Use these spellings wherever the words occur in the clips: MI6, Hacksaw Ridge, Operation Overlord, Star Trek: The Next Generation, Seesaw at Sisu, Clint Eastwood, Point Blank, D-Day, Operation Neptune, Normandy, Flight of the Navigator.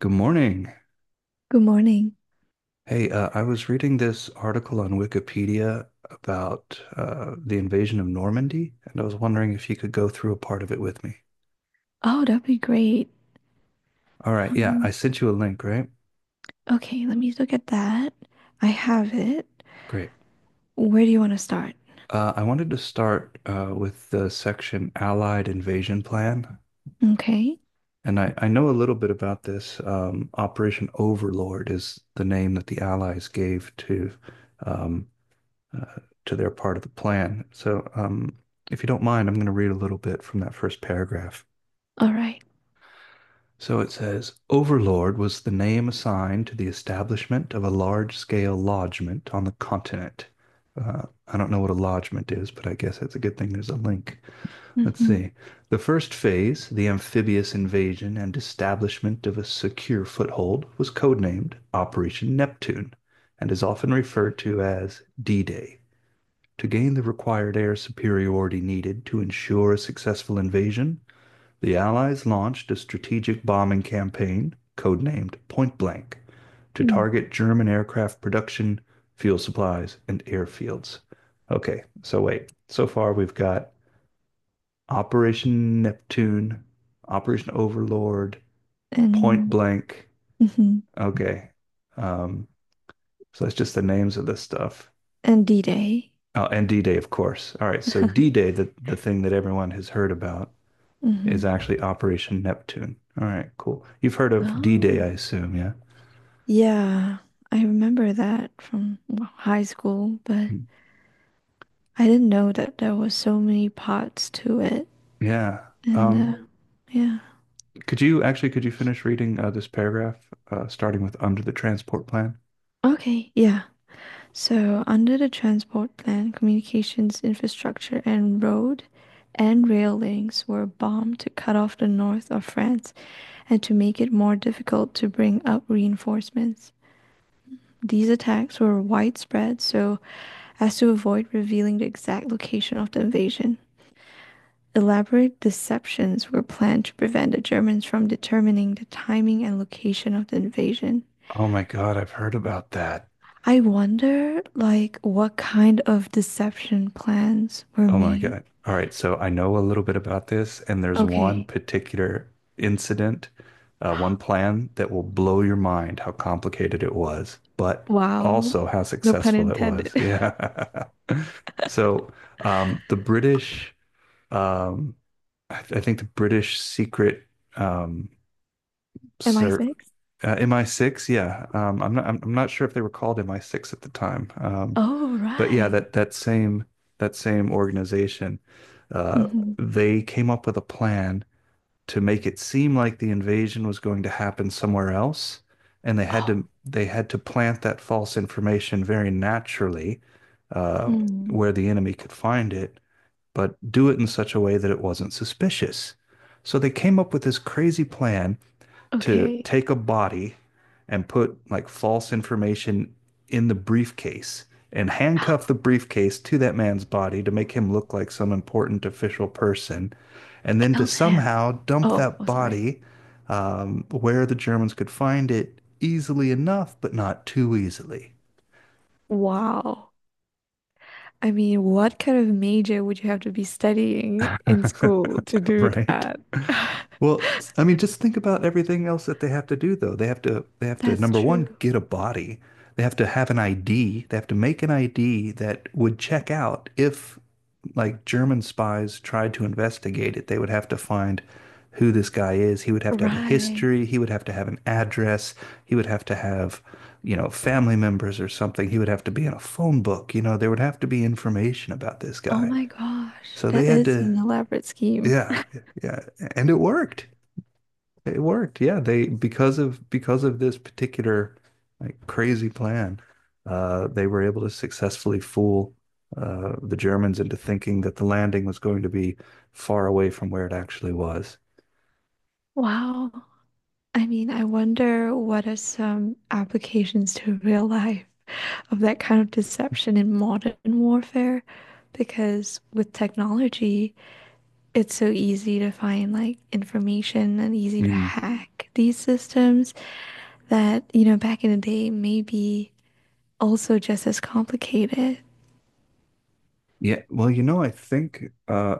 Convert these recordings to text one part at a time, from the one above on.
Good morning. Good morning. Hey, I was reading this article on Wikipedia about the invasion of Normandy, and I was wondering if you could go through a part of it with me. Oh, that'd be great. All right, yeah, Um, I sent you a link, right? okay, let me look at that. I have it. Great. Where do you want to start? I wanted to start with the section Allied Invasion Plan, Okay. and I know a little bit about this. Operation Overlord is the name that the Allies gave um, uh, to their part of the plan. So, if you don't mind, I'm going to read a little bit from that first paragraph. All right. So it says Overlord was the name assigned to the establishment of a large scale lodgment on the continent. Uh, I don't know what a lodgment is, but I guess that's a good thing there's a link. Let's Mm-hmm. see. The first phase, the amphibious invasion and establishment of a secure foothold, was codenamed Operation Neptune and is often referred to as D Day. To gain the required air superiority needed to ensure a successful invasion, the Allies launched a strategic bombing campaign, codenamed Point Blank, to target German aircraft production, fuel supplies, and airfields. Okay, so wait. So far, we've got Operation Neptune, Operation Overlord, Point And Blank. mhm. Okay. Um, so that's just the names of this stuff. And D-Day. Oh, and D-Day, of course. All right, so D-Day, the thing that everyone has heard about, is hmm actually Operation Neptune. All right, cool. You've heard of D-Day, I Oh, assume, yeah? yeah. I remember that from well, high school, but I didn't know that there was so many parts to it. Yeah. And Um, yeah. Could you finish reading this paragraph, starting with under the transport plan? Okay. Yeah. So, under the transport plan, communications infrastructure and road and rail links were bombed to cut off the north of France and to make it more difficult to bring up reinforcements. These attacks were widespread so as to avoid revealing the exact location of the invasion. Elaborate deceptions were planned to prevent the Germans from determining the timing and location of the invasion. Oh my God, I've heard about that. I wonder, like, what kind of deception plans were Oh my made. God. All right. So I know a little bit about this, and there's one Okay. particular incident, one plan that will blow your mind how complicated it was, but Wow. also how No pun successful it was. intended. Yeah. So the British, um, I think the British secret um, Am I ser six? MI6. Yeah. I'm not sure if they were called MI6 at the time, Oh, but yeah, right. that same organization, uh, hmm they came up with a plan to make it seem like the invasion was going to happen somewhere else, and they had Oh. to they had to plant that false information very naturally, uh, Hmm. where the enemy could find it, but do it in such a way that it wasn't suspicious. So they came up with this crazy plan to Okay. take a body and put like false information in the briefcase and handcuff the briefcase to that man's body to make him look like some important official person, and then to Killed him? somehow dump Oh, that oh, sorry. body where the Germans could find it easily enough, but not too easily, Wow. I mean, what kind of major would you have to be studying in school to do right? that? Well, I mean, just think about everything else that they have to do, though. That's Number one, true. get a body. They have to have an ID. They have to make an ID that would check out if, like, German spies tried to investigate it. They would have to find who this guy is. He would have to have a Right. history. He would have to have an address. He would have to have, you know, family members or something. He would have to be in a phone book. You know, there would have to be information about this Oh guy. my gosh. So they That had is to, an elaborate scheme. yeah, yeah, and it worked. It worked. Yeah, they because of this particular like crazy plan, they were able to successfully fool the Germans into thinking that the landing was going to be far away from where it actually was. Wow. I mean, I wonder what are some applications to real life of that kind of deception in modern warfare? Because with technology, it's so easy to find like information and easy to Mm. hack these systems that, you know, back in the day may be also just as complicated. Yeah, well, you know, I think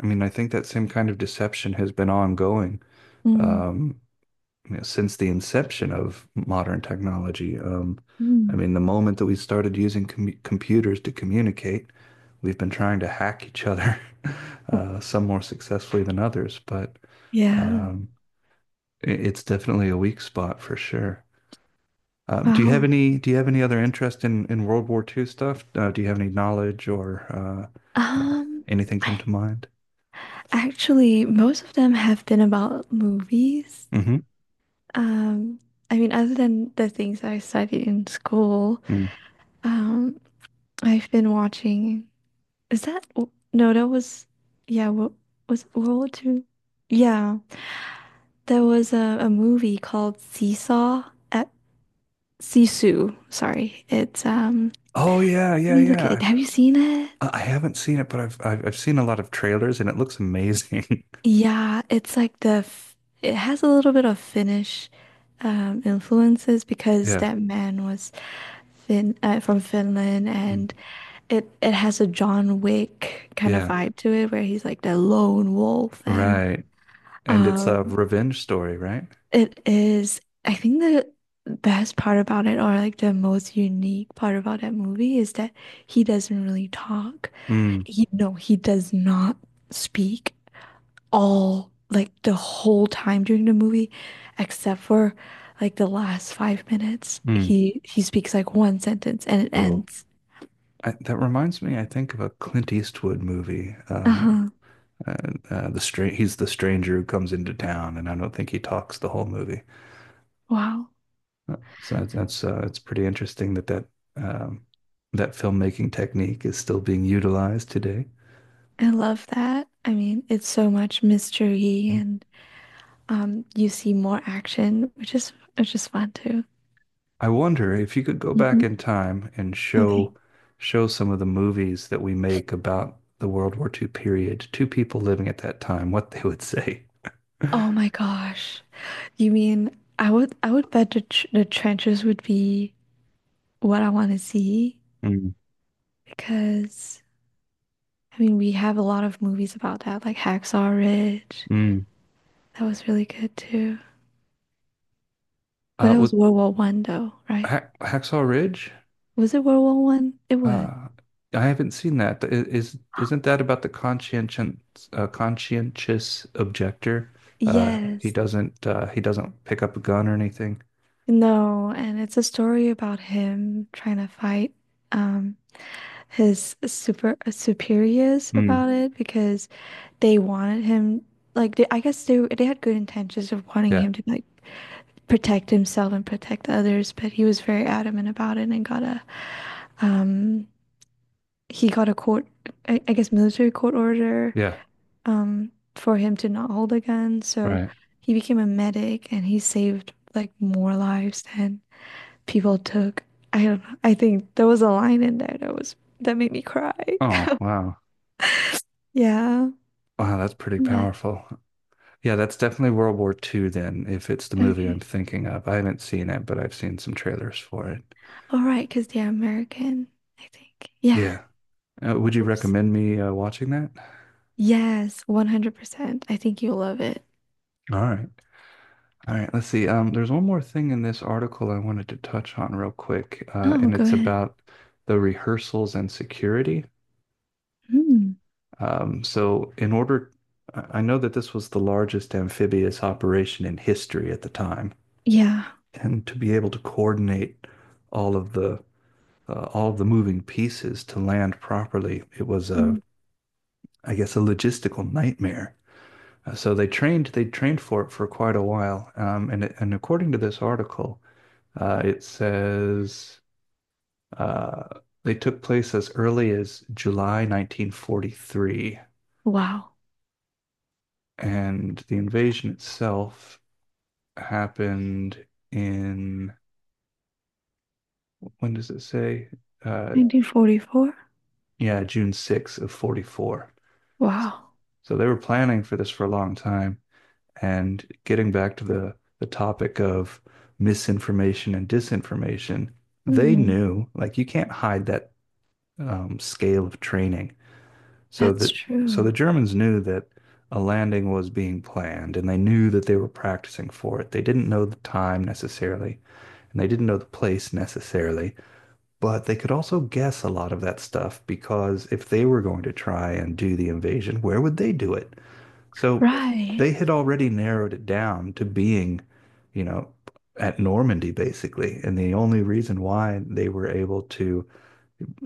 I mean, I think that same kind of deception has been ongoing. Mm, Um, you know, since the inception of modern technology. I mm. mean, the moment that we started using computers to communicate, we've been trying to hack each other, some more successfully than others, but Yeah. um, it's definitely a weak spot for sure. Wow. Do you have any other interest in World War II stuff? Do you have any knowledge or uh, Um, anything come I to mind? actually most of them have been about movies. Hmm. Um, I mean, other than the things I studied in school, um, I've been watching. Is that no? That was yeah. What was it, World War Two? Yeah, there was a movie called Seesaw at Sisu. Sorry, it's. Oh yeah, Let yeah, me look at it. yeah. Have you seen it? I haven't seen it, but I've seen a lot of trailers and it looks amazing. Yeah, it's like the f it has a little bit of Finnish influences because Yeah. that man was Fin from Finland. Mm. And It has a John Wick kind of Yeah. vibe to it where he's like the lone wolf. And Right. And it's a um revenge story, right? it is, I think, the best part about it, or like the most unique part about that movie is that he doesn't really talk. Mm. He, no, he does not speak all like the whole time during the movie except for like the last 5 minutes. Mm. He speaks like one sentence and it Whoa. ends. I, that reminds me, I think of a Clint Eastwood movie. Uh-huh. uh, the stra He's the stranger who comes into town, and I don't think he talks the whole movie. Wow. So that's it's pretty interesting that um, that filmmaking technique is still being utilized today. I love that. I mean, it's so much mystery, and you see more action, which is fun too. I wonder if you could go back Hmm in time and Okay. show some of the movies that we make about the World War II period to people living at that time, what they would say. Oh my gosh. You mean I would bet the trenches would be what I want to see, Mm, because I mean we have a lot of movies about that, like Hacksaw Ridge. mm. That was really good too. But that was With World War One, though, right? Hacksaw Ridge, Was it World War One? It was. uh, I haven't seen that. Is isn't that about the conscientious conscientious objector? Yes. He doesn't pick up a gun or anything. No, and it's a story about him trying to fight um his superiors Mm. about it, because they wanted him like I guess they had good intentions of wanting Yeah, him to like protect himself and protect others, but he was very adamant about it and got a um he got a court, I guess, military court order yeah, for him to not hold a gun, so right. he became a medic and he saved like more lives than people took. I don't know. I think there was a line in there that was that made me cry. Oh, wow. Yeah, Wow, that's pretty but powerful. Yeah, that's definitely World War Two then, if it's the movie I'm okay. thinking of. I haven't seen it, but I've seen some trailers for it. All right, because they're American, I think. Yeah. Yeah. Would you Oops. recommend me watching that? Yes, 100%. I think you'll love it. All right. All right. Let's see. There's one more thing in this article I wanted to touch on real quick, Oh, and go it's ahead. about the rehearsals and security. Mm. So, in order, I know that this was the largest amphibious operation in history at the time, Yeah. and to be able to coordinate all of the all the moving pieces to land properly. It was a, Mm. I guess, a logistical nightmare. So they trained for it for quite a while. And according to this article, it says uh, they took place as early as July 1943, Wow. and the invasion itself happened in when does it say? Uh, 1944? yeah, June 6 of 44. Wow. So they were planning for this for a long time. And getting back to the topic of misinformation and disinformation, they Mm. knew, like you can't hide that scale of training. So That's that so true. the Germans knew that a landing was being planned, and they knew that they were practicing for it. They didn't know the time necessarily, and they didn't know the place necessarily, but they could also guess a lot of that stuff because if they were going to try and do the invasion, where would they do it? So Right. they had already narrowed it down to being, you know, at Normandy basically. And the only reason why they were able to,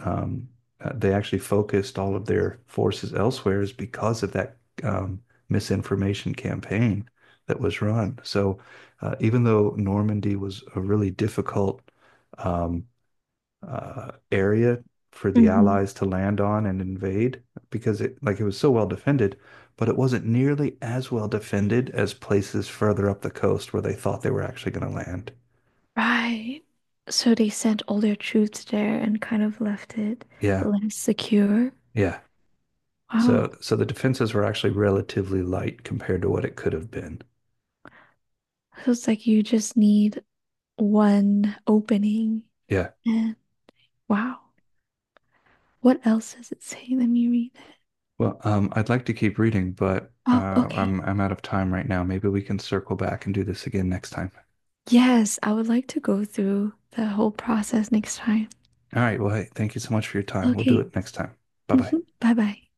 um, they actually focused all of their forces elsewhere is because of that um, misinformation campaign that was run. So even though Normandy was a really difficult um, area for the hmm Allies to land on and invade because it was so well defended, but it wasn't nearly as well defended as places further up the coast where they thought they were actually going to land. Right. So they sent all their troops there and kind of left it Yeah, less secure. yeah. Wow. So the defenses were actually relatively light compared to what it could have been. So it's like you just need one opening. Yeah. And wow. What else does it say? Let me read it. Well, I'd like to keep reading, but Oh, okay. I'm out of time right now. Maybe we can circle back and do this again next time. Yes, I would like to go through the whole process next time. All right. Well, hey, thank you so much for your time. We'll do Okay. it next time. Bye bye. hmm Bye bye.